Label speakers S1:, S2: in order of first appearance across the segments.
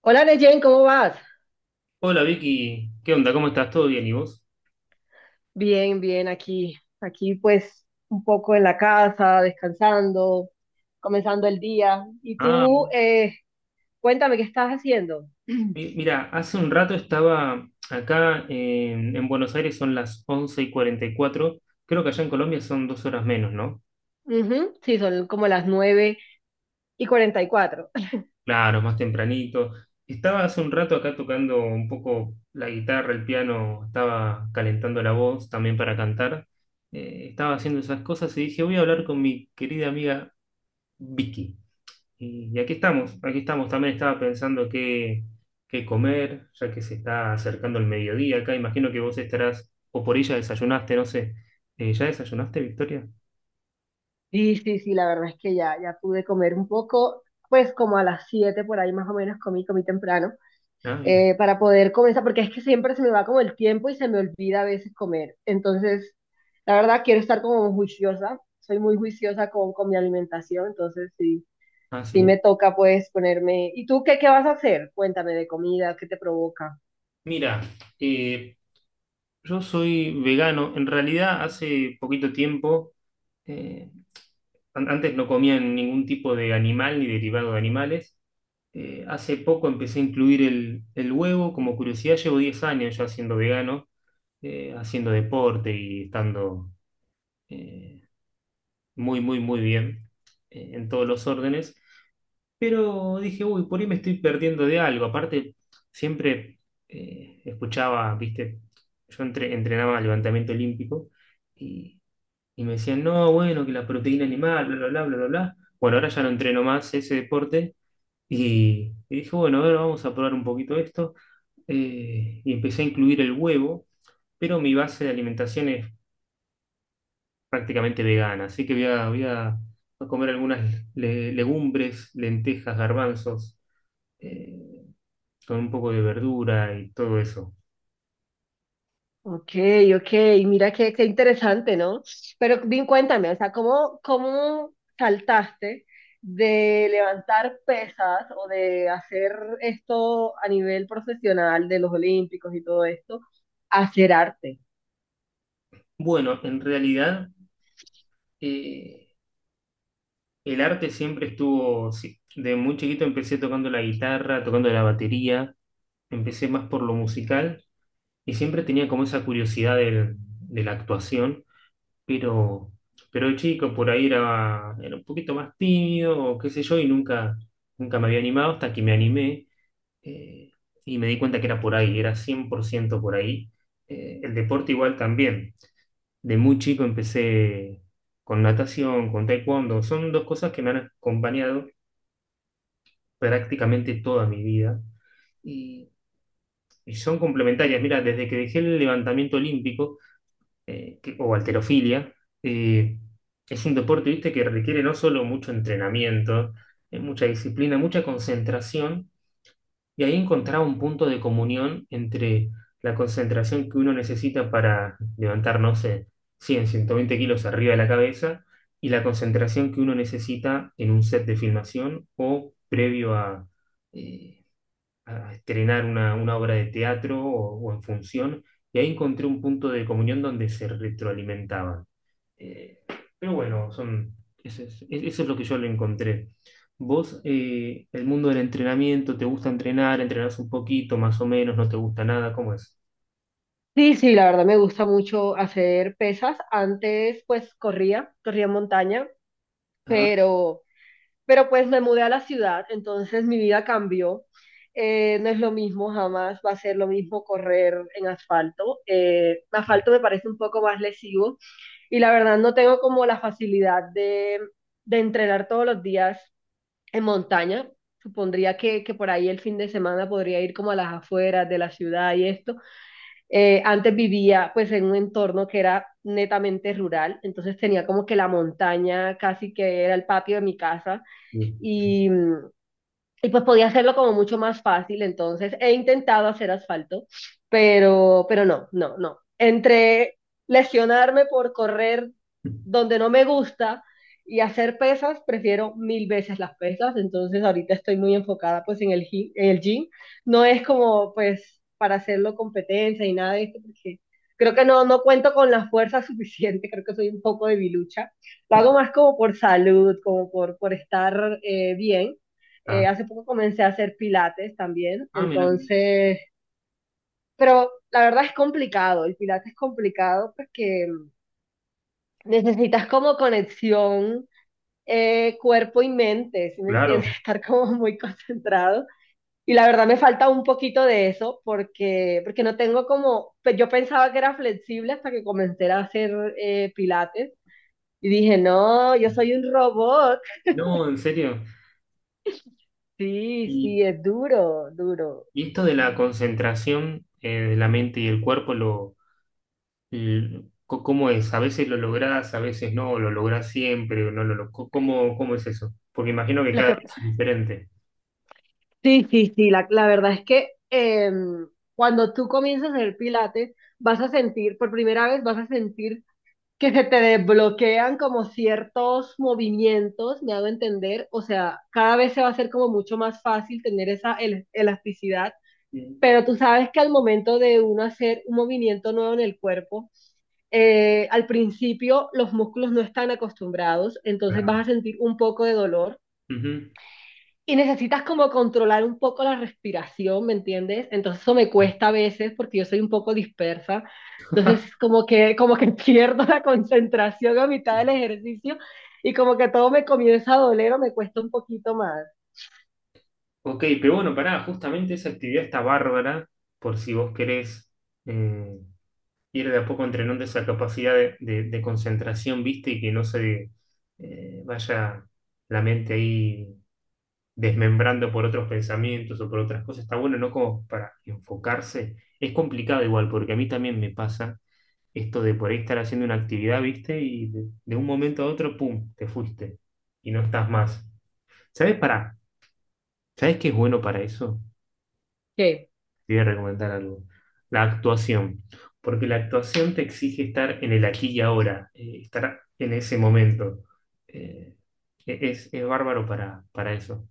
S1: Hola Neyen, ¿cómo vas?
S2: Hola Vicky, ¿qué onda? ¿Cómo estás? ¿Todo bien? ¿Y vos?
S1: Bien, bien, aquí pues un poco en la casa, descansando, comenzando el día. Y
S2: Ah,
S1: tú, cuéntame qué estás haciendo.
S2: mira, hace un rato estaba acá en Buenos Aires, son las 11:44. Creo que allá en Colombia son 2 horas menos, ¿no?
S1: Ujú, sí, son como las 9:44.
S2: Claro, más tempranito. Estaba hace un rato acá tocando un poco la guitarra, el piano, estaba calentando la voz también para cantar. Estaba haciendo esas cosas y dije, voy a hablar con mi querida amiga Vicky. Y aquí estamos, aquí estamos. También estaba pensando qué comer, ya que se está acercando el mediodía acá. Imagino que vos estarás, o por ella desayunaste, no sé. ¿Ya desayunaste, Victoria?
S1: Sí, sí, sí, la verdad es que ya, ya pude comer un poco, pues como a las 7 por ahí más o menos comí temprano.
S2: Ah, bien.
S1: Para poder comenzar, porque es que siempre se me va como el tiempo y se me olvida a veces comer. Entonces, la verdad, quiero estar como juiciosa, soy muy juiciosa con mi alimentación, entonces sí,
S2: Ah,
S1: sí
S2: sí.
S1: me toca pues ponerme. ¿Y tú qué vas a hacer? Cuéntame de comida, ¿qué te provoca?
S2: Mira, eh, yo soy vegano. En realidad, hace poquito tiempo, eh, antes no comía ningún tipo de animal ni derivado de animales. Hace poco empecé a incluir el huevo. Como curiosidad, llevo 10 años ya siendo vegano. Haciendo deporte y estando eh, muy, muy, muy bien en todos los órdenes. Pero dije, uy, por ahí me estoy perdiendo de algo. Aparte, siempre escuchaba, viste, yo entrenaba levantamiento olímpico y, y me decían, no, bueno, que la proteína animal, bla, bla, bla, bla, bla, bla. Bueno, ahora ya no entreno más ese deporte y dije, bueno, a ver, vamos a probar un poquito esto. Y empecé a incluir el huevo, pero mi base de alimentación es prácticamente vegana, así que voy a comer algunas legumbres, lentejas, garbanzos, eh, con un poco de verdura y todo eso.
S1: Ok, ok, mira qué interesante, ¿no? Pero bien, cuéntame, o sea, ¿cómo saltaste de levantar pesas o de hacer esto a nivel profesional de los Olímpicos y todo esto a hacer arte?
S2: Bueno, en realidad eh, el arte siempre estuvo, sí, de muy chiquito empecé tocando la guitarra, tocando la batería, empecé más por lo musical y siempre tenía como esa curiosidad de la actuación. pero, pero de chico por ahí era un poquito más tímido, o qué sé yo, y nunca me había animado hasta que me animé, eh, y me di cuenta que era por ahí, era 100% por ciento por ahí. El deporte igual también. De muy chico empecé con natación, con taekwondo, son dos cosas que me han acompañado prácticamente toda mi vida y, y son complementarias. Mira, desde que dejé el levantamiento olímpico, o halterofilia, eh, es un deporte, viste, que requiere no solo mucho entrenamiento, mucha disciplina, mucha concentración, y ahí encontrar un punto de comunión entre la concentración que uno necesita para levantar, no sé, cien, 120 kilos arriba de la cabeza, y la concentración que uno necesita en un set de filmación o previo eh, a estrenar una obra de teatro o en función, y ahí encontré un punto de comunión donde se retroalimentaban. Eh, pero bueno, son, eso, es, e-, eso es lo que yo le encontré. Vos, el mundo del entrenamiento, ¿te gusta entrenar? ¿Entrenás un poquito, más o menos? ¿No te gusta nada? ¿Cómo es?
S1: Sí, sí, la verdad me gusta mucho hacer pesas. Antes, pues, corría, corría montaña.
S2: Ah,
S1: Pero pues me mudé a la ciudad, entonces mi vida cambió. No es lo mismo jamás, va a ser lo mismo correr en asfalto. Asfalto me parece un poco más lesivo y la verdad no tengo como la facilidad de entrenar todos los días en montaña. Supondría que por ahí el fin de semana podría ir como a las afueras de la ciudad y esto. Antes vivía pues en un entorno que era netamente rural, entonces tenía como que la montaña casi que era el patio de mi casa
S2: bien.
S1: y mm, y pues podía hacerlo como mucho más fácil, entonces he intentado hacer asfalto, pero no, no, no. Entre lesionarme por correr donde no me gusta y hacer pesas, prefiero mil veces las pesas, entonces ahorita estoy muy enfocada pues en el gym. No es como pues para hacerlo competencia y nada de esto, porque creo que no cuento con la fuerza suficiente. Creo que soy un poco debilucha. Lo hago más como por salud, como por estar bien. eh,
S2: Ah,
S1: hace poco comencé a hacer pilates también.
S2: ah, mirá,
S1: Entonces, pero la verdad es complicado, el pilates es complicado porque necesitas como conexión cuerpo y mente, ¿sí me
S2: claro.
S1: entiendes? Estar como muy concentrado. Y la verdad me falta un poquito de eso porque no tengo como, yo pensaba que era flexible hasta que comencé a hacer pilates y dije, no, yo soy un robot.
S2: No, en serio.
S1: Sí, sí,
S2: ¿Y,
S1: es duro, duro.
S2: y esto de la concentración de la mente y el cuerpo lo, ¿Cómo es? ¿A veces lo lográs, a veces no? ¿Lo lográs siempre o no lo lográs? ¿Cómo es eso? Porque imagino que
S1: Lo
S2: cada
S1: que
S2: vez es diferente.
S1: Sí, sí, sí, la verdad es que cuando tú comienzas a hacer pilates, vas a sentir, por primera vez vas a sentir que se te desbloquean como ciertos movimientos, me hago entender, o sea, cada vez se va a hacer como mucho más fácil tener esa elasticidad,
S2: Sí.
S1: pero tú sabes que al momento de uno hacer un movimiento nuevo en el cuerpo, al principio los músculos no están acostumbrados, entonces
S2: Claro.
S1: vas a sentir un poco de dolor
S2: Ujú.
S1: y necesitas como controlar un poco la respiración, ¿me entiendes? Entonces eso me cuesta a veces porque yo soy un poco dispersa. Entonces como que pierdo la concentración a mitad del ejercicio y como que todo me comienza a doler o me cuesta un poquito más.
S2: Ok, pero bueno, pará, justamente esa actividad está bárbara por si vos querés eh, ir de a poco entrenando esa capacidad de concentración, viste, y que no se vaya la mente ahí desmembrando por otros pensamientos o por otras cosas. Está bueno, ¿no? Como para enfocarse. Es complicado igual, porque a mí también me pasa esto de por ahí estar haciendo una actividad, ¿viste? Y de un momento a otro, ¡pum!, te fuiste y no estás más. ¿Sabes para? ¿Sabes qué es bueno para eso?
S1: ¿Qué?
S2: Te voy a recomendar algo. La actuación. Porque la actuación te exige estar en el aquí y ahora, estar en ese momento. Eh, es bárbaro para eso.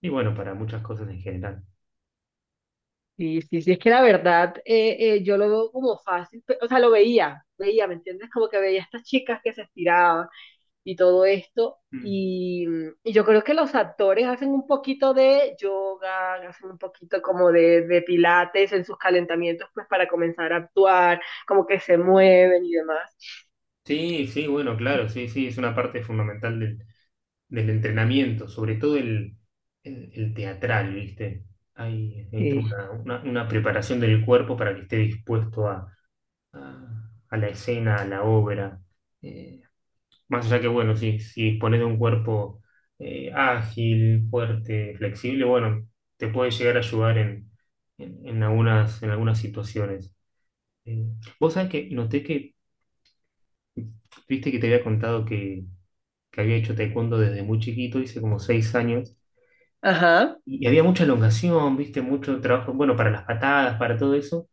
S2: Y bueno, para muchas cosas en general.
S1: Sí, sí, sí, es que la verdad yo lo veo como fácil, o sea, lo veía, veía, ¿me entiendes? Como que veía a estas chicas que se estiraban y todo esto.
S2: Mm.
S1: Y, y yo creo que los actores hacen un poquito de yoga, hacen un poquito como de pilates en sus calentamientos, pues para comenzar a actuar, como que se mueven y demás.
S2: Sí, sí, bueno, claro, sí, sí, es una parte fundamental del entrenamiento, sobre todo el teatral, ¿viste? Hay toda
S1: Sí.
S2: una preparación del cuerpo para que esté dispuesto a la escena, a la obra. Eh, más allá que, bueno, si dispones de un cuerpo ágil, fuerte, flexible, bueno, te puede llegar a ayudar en algunas situaciones. Eh, vos sabés que noté que, viste que te había contado que había hecho taekwondo desde muy chiquito, hice como 6 años,
S1: Ajá.
S2: y había mucha elongación, viste, mucho trabajo, bueno, para las patadas, para todo eso.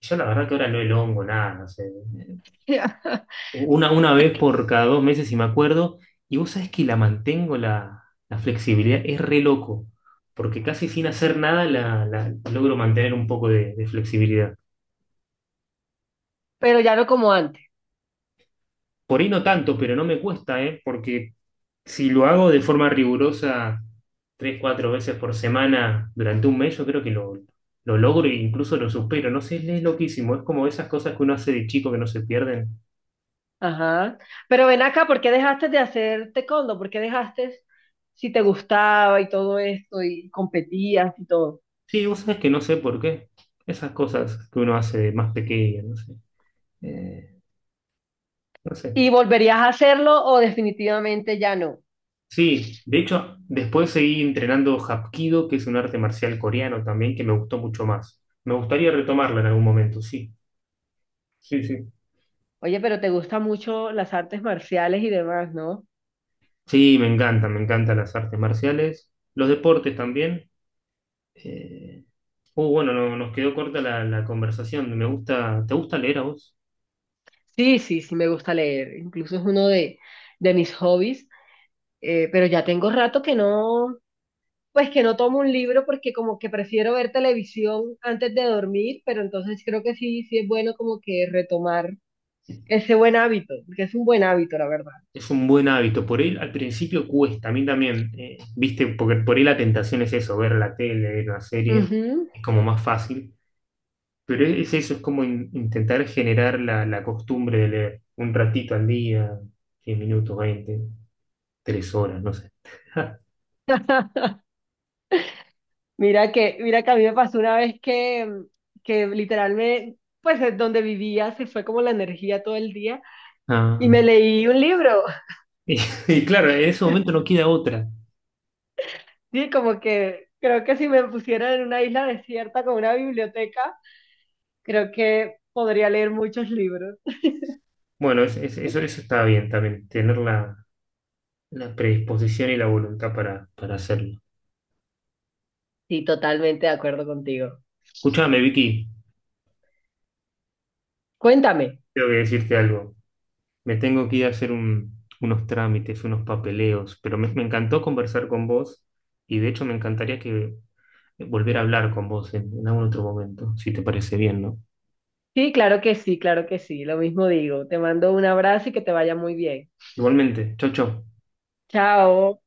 S2: Yo la verdad que ahora no elongo nada, no sé, una vez por cada 2 meses si me acuerdo, y vos sabés que la mantengo la flexibilidad, es re loco, porque casi sin hacer nada logro mantener un poco de flexibilidad.
S1: Pero ya no como antes.
S2: Por ahí no tanto, pero no me cuesta, ¿eh? Porque si lo hago de forma rigurosa tres, cuatro veces por semana durante un mes, yo creo que lo logro e incluso lo supero. No sé, es loquísimo. Es como esas cosas que uno hace de chico que no se pierden.
S1: Ajá. Pero ven acá, ¿por qué dejaste de hacer taekwondo? ¿Por qué dejaste si te gustaba y todo esto y competías y todo?
S2: Sí, vos sabés que no sé por qué. Esas cosas que uno hace de más pequeño, no sé. Eh, no sé.
S1: ¿Y volverías a hacerlo o definitivamente ya no?
S2: Sí, de hecho, después seguí entrenando Hapkido, que es un arte marcial coreano también, que me gustó mucho más. Me gustaría retomarlo en algún momento, sí. Sí, sí.
S1: Oye, pero te gustan mucho las artes marciales y demás, ¿no?
S2: Sí, me encantan las artes marciales, los deportes también. Eh, bueno, nos quedó corta la conversación. Me gusta, ¿te gusta leer a vos?
S1: Sí, sí, sí, me gusta leer. Incluso es uno de mis hobbies. Pero ya tengo rato que no, pues que no tomo un libro porque como que prefiero ver televisión antes de dormir, pero entonces creo que sí, sí es bueno como que retomar ese buen hábito, porque es un buen hábito, la verdad.
S2: Es un buen hábito. Por él al principio cuesta, a mí también. Viste, porque por ahí la tentación es eso, ver la tele, ver una serie,
S1: Ujú.
S2: es como más fácil. Pero es eso, es como intentar generar la costumbre de leer un ratito al día, 10 minutos, 20 3 horas, no sé.
S1: Mira que a mí me pasó una vez que literal me, pues es donde vivía se fue como la energía todo el día y
S2: Ah,
S1: me leí un libro.
S2: y, y claro, en ese momento no queda otra.
S1: Sí, como que creo que si me pusieran en una isla desierta con una biblioteca, creo que podría leer muchos libros.
S2: Bueno, eso está bien también, tenerla La predisposición y la voluntad para hacerlo.
S1: Sí, totalmente de acuerdo contigo.
S2: Escúchame, Vicky,
S1: Cuéntame.
S2: tengo que decirte algo. Me tengo que ir a hacer unos trámites, unos papeleos, pero me encantó conversar con vos y de hecho me encantaría que volver a hablar con vos en algún otro momento, si te parece bien, ¿no?
S1: Sí, claro que sí, claro que sí, lo mismo digo. Te mando un abrazo y que te vaya muy bien.
S2: Igualmente, chau, chau.
S1: Chao.